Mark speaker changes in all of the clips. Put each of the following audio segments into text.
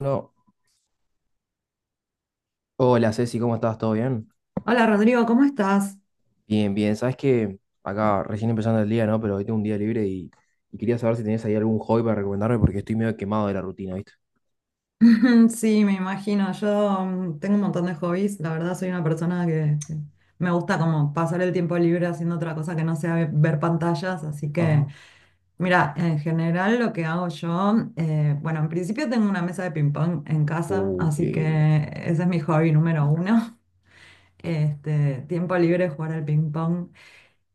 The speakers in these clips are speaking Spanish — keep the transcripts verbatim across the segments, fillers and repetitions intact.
Speaker 1: No. Hola Ceci, ¿cómo estás? ¿Todo bien?
Speaker 2: Hola Rodrigo, ¿cómo estás?
Speaker 1: Bien, bien. Sabes que acá recién empezando el día, ¿no? Pero hoy tengo un día libre y, y quería saber si tenías ahí algún hobby para recomendarme porque estoy medio quemado de la rutina, ¿viste?
Speaker 2: Sí, me imagino. Yo mm, tengo un montón de hobbies. La verdad soy una persona que, que me gusta como pasar el tiempo libre haciendo otra cosa que no sea ve- ver pantallas. Así que
Speaker 1: Ajá.
Speaker 2: mira, en general lo que hago yo, eh, bueno, en principio tengo una mesa de ping pong en casa,
Speaker 1: Uh, qué
Speaker 2: así que
Speaker 1: lindo.
Speaker 2: ese es mi hobby número uno. Este, tiempo libre jugar al ping pong.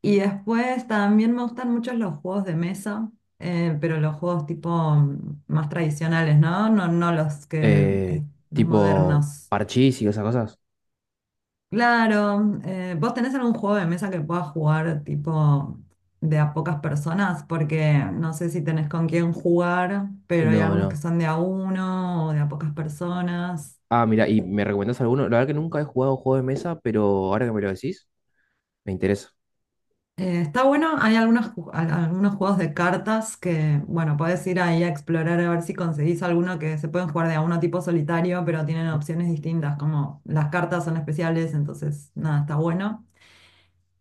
Speaker 2: Y después también me gustan mucho los juegos de mesa, eh, pero los juegos tipo mm, más tradicionales, ¿no? No, no los que
Speaker 1: Eh,
Speaker 2: eh, los
Speaker 1: Tipo
Speaker 2: modernos.
Speaker 1: parchís y esas cosas.
Speaker 2: Claro, eh, ¿vos tenés algún juego de mesa que puedas jugar tipo de a pocas personas? Porque no sé si tenés con quién jugar, pero hay
Speaker 1: No,
Speaker 2: algunos que
Speaker 1: no.
Speaker 2: son de a uno o de a pocas personas.
Speaker 1: Ah, mira, ¿y me recomendás alguno? La verdad que nunca he jugado juego de mesa, pero ahora que me lo decís, me interesa.
Speaker 2: Eh, está bueno, hay algunos, ju- al- algunos juegos de cartas que, bueno, podés ir ahí a explorar a ver si conseguís alguno que se pueden jugar de a uno tipo solitario, pero tienen opciones distintas, como las cartas son especiales, entonces nada, está bueno.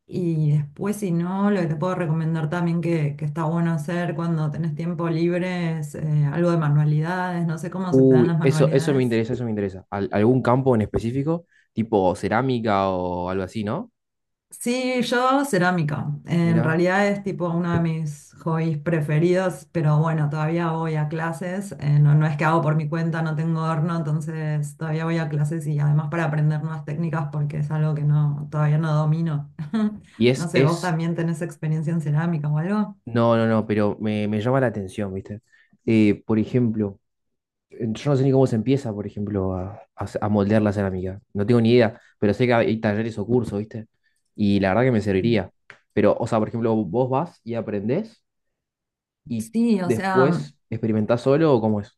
Speaker 2: Y después, si no, lo que te puedo recomendar también que, que está bueno hacer cuando tenés tiempo libre es eh, algo de manualidades, no sé cómo se te dan
Speaker 1: Uy,
Speaker 2: las
Speaker 1: eso, eso me
Speaker 2: manualidades.
Speaker 1: interesa, eso me interesa. Al- ¿algún campo en específico? Tipo cerámica o algo así, ¿no?
Speaker 2: Sí, yo cerámica. En
Speaker 1: Mira.
Speaker 2: realidad es tipo uno de mis hobbies preferidos, pero bueno, todavía voy a clases. Eh, no, no es que hago por mi cuenta, no tengo horno, entonces todavía voy a clases y además para aprender nuevas técnicas porque es algo que no, todavía no domino.
Speaker 1: Y
Speaker 2: No
Speaker 1: es,
Speaker 2: sé, ¿vos
Speaker 1: es,
Speaker 2: también tenés experiencia en cerámica o algo?
Speaker 1: no, no, no, pero me, me llama la atención, ¿viste? Eh, por ejemplo, en- yo no sé ni cómo se empieza, por ejemplo, a, a se- a moldear la cerámica. No tengo ni idea, pero sé que hay talleres o cursos, ¿viste? Y la verdad que me
Speaker 2: Sí.
Speaker 1: serviría. Pero, o sea, por ejemplo, vos vas y aprendés y
Speaker 2: Sí, o sea,
Speaker 1: después experimentás solo o cómo es.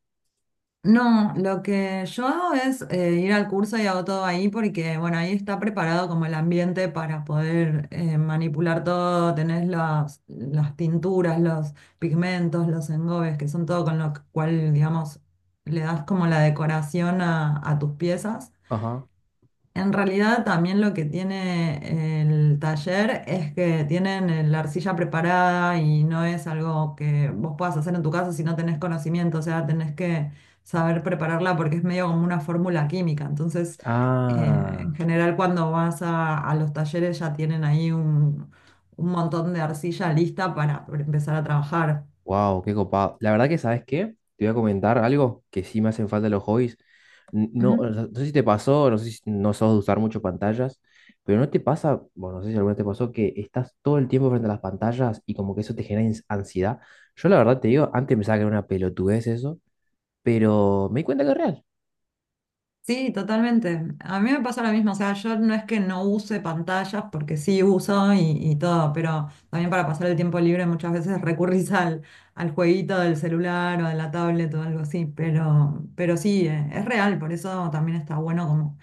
Speaker 2: no, lo que yo hago es eh, ir al curso y hago todo ahí porque, bueno, ahí está preparado como el ambiente para poder eh, manipular todo, tenés las, las tinturas, los pigmentos, los engobes, que son todo con lo cual, digamos, le das como la decoración a, a tus piezas.
Speaker 1: Ajá.
Speaker 2: En realidad también lo que tiene eh, el taller es que tienen eh, la arcilla preparada y no es algo que vos puedas hacer en tu casa si no tenés conocimiento, o sea, tenés que saber prepararla porque es medio como una fórmula química. Entonces, eh, en
Speaker 1: Ah,
Speaker 2: general cuando vas a, a los talleres ya tienen ahí un, un montón de arcilla lista para pre- empezar a trabajar.
Speaker 1: wow, qué copado. La verdad que, ¿sabes qué? Te voy a comentar algo que sí me hacen falta los hobbies. No, o sea, no sé si te pasó, no sé si no sos de usar mucho pantallas, pero no te pasa, bueno, no sé si alguna vez te pasó que estás todo el tiempo frente a las pantallas y como que eso te genera ins- ansiedad. Yo la verdad te digo, antes pensaba que era una pelotudez eso, pero me di cuenta que es real.
Speaker 2: Sí, totalmente. A mí me pasa lo mismo, o sea, yo no es que no use pantallas, porque sí uso y, y todo, pero también para pasar el tiempo libre muchas veces recurrís al, al jueguito del celular o de la tablet o algo así, pero, pero sí, eh, es real, por eso también está bueno como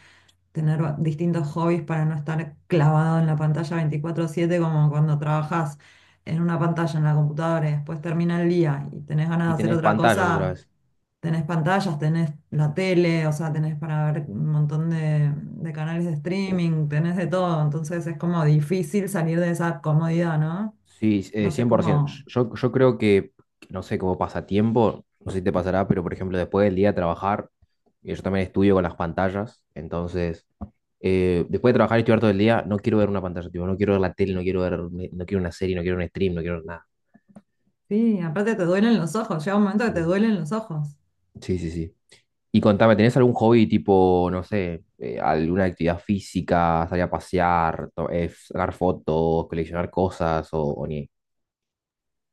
Speaker 2: tener va- distintos hobbies para no estar clavado en la pantalla veinticuatro siete como cuando trabajas en una pantalla en la computadora y después termina el día y tenés ganas
Speaker 1: Y
Speaker 2: de hacer
Speaker 1: tenés
Speaker 2: otra
Speaker 1: pantallas otra
Speaker 2: cosa.
Speaker 1: vez.
Speaker 2: Tenés pantallas, tenés la tele, o sea, tenés para ver un montón de, de canales de streaming, tenés de todo, entonces es como difícil salir de esa comodidad, ¿no?
Speaker 1: Sí, eh,
Speaker 2: No sé
Speaker 1: cien por ciento.
Speaker 2: cómo...
Speaker 1: Yo, yo creo que, no sé, como pasatiempo, no sé si te pasará, pero por ejemplo, después del día de trabajar, eh, yo también estudio con las pantallas, entonces eh, después de trabajar y estudiar todo el día, no quiero ver una pantalla, tipo, no quiero ver la tele, no quiero ver, no quiero una serie, no quiero un stream, no quiero nada.
Speaker 2: Sí, aparte te duelen los ojos, llega un momento que te
Speaker 1: Mm.
Speaker 2: duelen los ojos.
Speaker 1: Sí, sí, sí. Y contame, ¿tenés algún hobby tipo, no sé, eh, alguna actividad física, salir a pasear, to- eh, sacar fotos, coleccionar cosas o, o ni?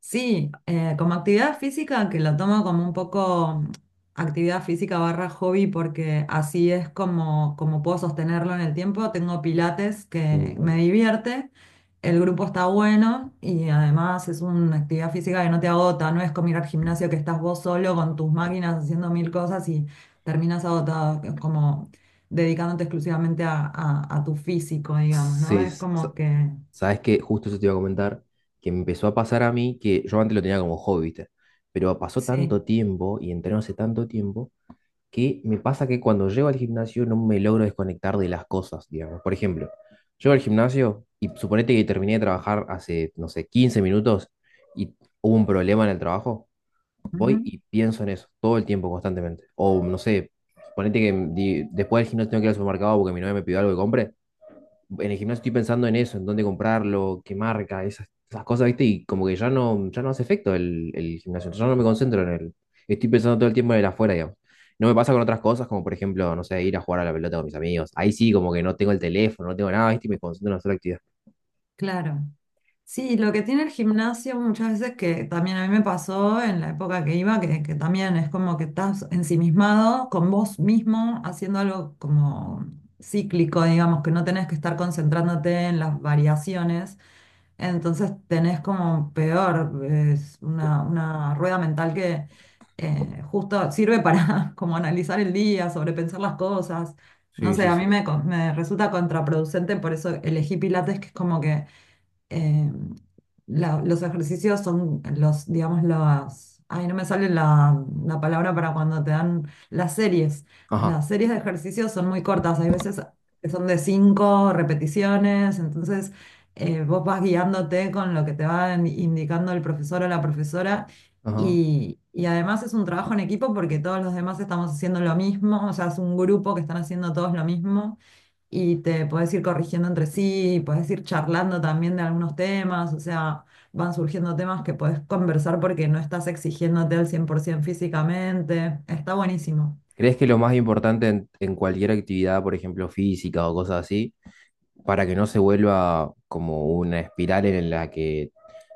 Speaker 2: Sí, eh, como actividad física, que lo tomo como un poco mm, actividad física barra hobby, porque así es como, como puedo sostenerlo en el tiempo. Tengo pilates que me
Speaker 1: Mm.
Speaker 2: divierte, el grupo está bueno y además es una actividad física que no te agota, no es como ir al gimnasio que estás vos solo con tus máquinas haciendo mil cosas y terminas agotado, que es como dedicándote exclusivamente a, a- a tu físico, digamos, ¿no?
Speaker 1: Sí,
Speaker 2: Es
Speaker 1: s- sa-
Speaker 2: como que...
Speaker 1: sabes que justo eso te iba a comentar, que me empezó a pasar a mí, que yo antes lo tenía como hobby, ¿viste? Pero pasó
Speaker 2: Sí.
Speaker 1: tanto tiempo y entrené hace tanto tiempo que me pasa que cuando llego al gimnasio no me logro desconectar de las cosas, digamos. Por ejemplo, llego al gimnasio y suponete que terminé de trabajar hace, no sé, quince minutos y hubo un problema en el trabajo, voy y pienso en eso todo el tiempo, constantemente. O no sé, suponete que di- después del gimnasio tengo que ir al supermercado porque mi novia me pidió algo que compre, en el gimnasio estoy pensando en eso, en dónde comprarlo, qué marca, esas, esas cosas, ¿viste? Y como que ya no, ya no hace efecto el, el gimnasio, ya no me concentro en él. Estoy pensando todo el tiempo en el afuera, digamos. No me pasa con otras cosas, como por ejemplo, no sé, ir a jugar a la pelota con mis amigos. Ahí sí, como que no tengo el teléfono, no tengo nada, ¿viste? Y me concentro en hacer la actividad.
Speaker 2: Claro. Sí, lo que tiene el gimnasio muchas veces que también a mí me pasó en la época que iba, que, que también es como que estás ensimismado con vos mismo, haciendo algo como cíclico, digamos, que no tenés que estar concentrándote en las variaciones. Entonces tenés como peor, es una, una rueda mental que eh, justo sirve para como analizar el día, sobrepensar las cosas. No
Speaker 1: Sí,
Speaker 2: sé,
Speaker 1: sí,
Speaker 2: a mí
Speaker 1: sí.
Speaker 2: me, co- me resulta contraproducente, por eso elegí Pilates, que es como que eh, la- los ejercicios son los, digamos, las... Ay, no me sale la, la palabra para cuando te dan las series.
Speaker 1: Ajá,
Speaker 2: Las series de ejercicios son muy cortas, hay veces que son de cinco repeticiones, entonces eh, vos vas guiándote con lo que te va in- indicando el profesor o la profesora
Speaker 1: ajá.
Speaker 2: y, y además es un trabajo en equipo porque todos los demás estamos haciendo lo mismo, o sea, es un grupo que están haciendo todos lo mismo y te podés ir corrigiendo entre sí, podés ir charlando también de algunos temas, o sea, van surgiendo temas que podés conversar porque no estás exigiéndote al cien por ciento físicamente, está buenísimo.
Speaker 1: ¿Crees que lo más importante en, en cualquier actividad, por ejemplo, física o cosas así, para que no se vuelva como una espiral en la que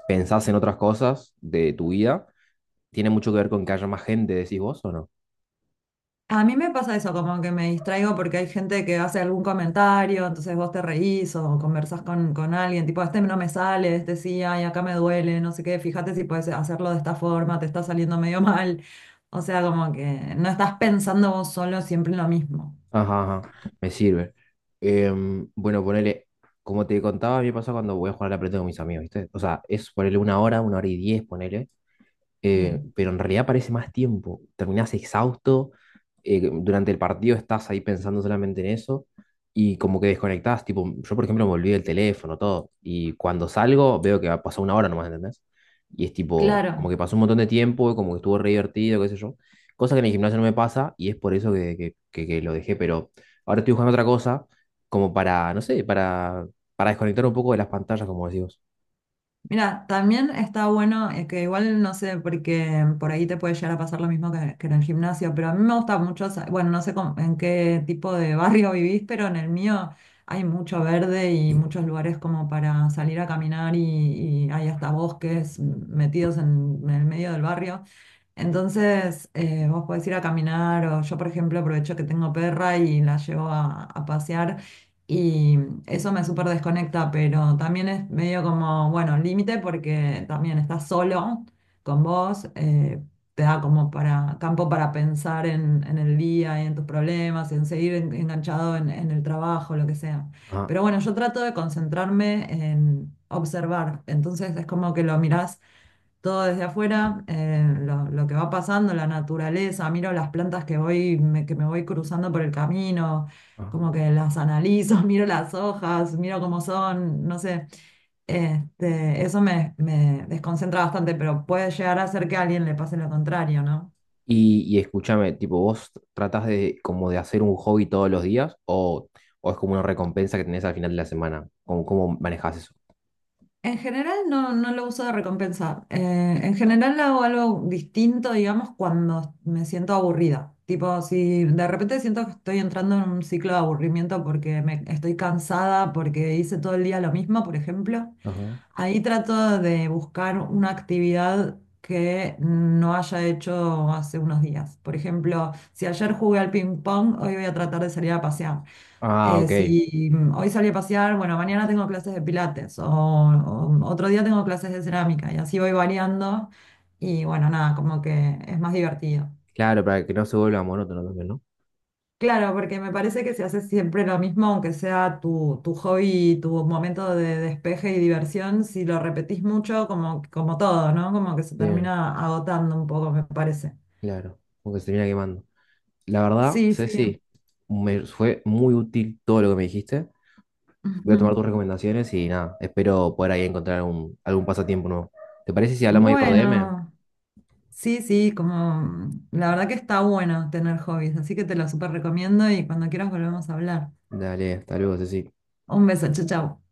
Speaker 1: pensás en otras cosas de tu vida, tiene mucho que ver con que haya más gente, decís vos o no?
Speaker 2: A mí me pasa eso, como que me distraigo porque hay gente que hace algún comentario, entonces vos te reís o conversás con, con alguien, tipo, este no me sale, este sí, ay, acá me duele, no sé qué, fíjate si puedes hacerlo de esta forma, te está saliendo medio mal. O sea, como que no estás pensando vos solo siempre en lo mismo.
Speaker 1: Ajá, ajá, me sirve. Em, bueno, ponele, como te contaba, a mí me pasa cuando voy a jugar a la pelota con mis amigos, ¿viste? O sea, es ponele una hora, una hora y diez, ponele. Eh,
Speaker 2: Sí,
Speaker 1: pero en realidad parece más tiempo. Terminás exhausto, eh, durante el partido estás ahí pensando solamente en eso y como que desconectás, tipo, yo por ejemplo me olvidé el teléfono, todo, y cuando salgo veo que ha pasado una hora nomás, ¿entendés? Y es tipo, como
Speaker 2: claro.
Speaker 1: que pasó un montón de tiempo, como que estuvo re divertido, qué sé yo, cosa que en el gimnasio no me pasa y es por eso que, que, que- que lo dejé, pero ahora estoy buscando otra cosa como para, no sé, para, para desconectar un poco de las pantallas, como decís vos.
Speaker 2: Mira, también está bueno, eh, que igual no sé, porque por ahí te puede llegar a pasar lo mismo que, que en el gimnasio, pero a mí me gusta mucho, sa- bueno, no sé cómo- en qué tipo de barrio vivís, pero en el mío hay mucho verde y muchos lugares como para salir a caminar y, y hay hasta bosques metidos en, en el medio del barrio. Entonces, eh, vos podés ir a caminar o yo, por ejemplo, aprovecho que tengo perra y la llevo a, a pasear y eso me súper desconecta, pero también es medio como, bueno, límite porque también estás solo con vos, eh, te da como para campo para pensar en, en el día y en tus problemas, en seguir en- enganchado en, en el trabajo, lo que sea.
Speaker 1: Ajá,
Speaker 2: Pero bueno, yo trato de concentrarme en observar, entonces es como que lo mirás todo desde afuera, eh, lo, lo que va pasando, la naturaleza, miro las plantas que voy, me- que me voy cruzando por el camino,
Speaker 1: ajá.
Speaker 2: como que las analizo, miro las hojas, miro cómo son, no sé. Este, eso me, me desconcentra bastante, pero puede llegar a ser que a alguien le pase lo contrario, ¿no?
Speaker 1: Y, y escúchame, tipo, ¿vos tratás de como de hacer un hobby todos los días o, o es como una recompensa que tenés al final de la semana? ¿Cómo, cómo manejás eso?
Speaker 2: En general no, no lo uso de recompensa. Eh, en general hago algo distinto, digamos, cuando me siento aburrida. Tipo, si de repente siento que estoy entrando en un ciclo de aburrimiento porque me, estoy cansada, porque hice todo el día lo mismo, por ejemplo,
Speaker 1: Ajá.
Speaker 2: ahí trato de buscar una actividad que no haya hecho hace unos días. Por ejemplo, si ayer jugué al ping pong, hoy voy a tratar de salir a pasear.
Speaker 1: Ah,
Speaker 2: Eh,
Speaker 1: ok.
Speaker 2: si mm, hoy salí a pasear, bueno, mañana tengo clases de pilates o, o otro día tengo clases de cerámica y así voy variando y bueno, nada, como que es más divertido.
Speaker 1: Claro, para que no se vuelva monótono también, ¿no?
Speaker 2: Claro, porque me parece que si haces siempre lo mismo, aunque sea tu, tu hobby, tu momento de despeje y diversión, si lo repetís mucho, como, como todo, ¿no? Como que se
Speaker 1: Sí,
Speaker 2: termina agotando un poco, me parece.
Speaker 1: claro. Porque se termina quemando. La verdad,
Speaker 2: Sí, sí.
Speaker 1: Ceci, me fue muy útil todo lo que me dijiste. Voy a tomar tus recomendaciones y nada, espero poder ahí encontrar algún, algún pasatiempo nuevo. ¿Te parece si hablamos ahí por D M?
Speaker 2: Bueno. Sí, sí, como mm, la verdad que está bueno tener hobbies, así que te lo súper recomiendo y cuando quieras volvemos a hablar.
Speaker 1: Dale, hasta luego, Ceci.
Speaker 2: Un beso, chau, chau.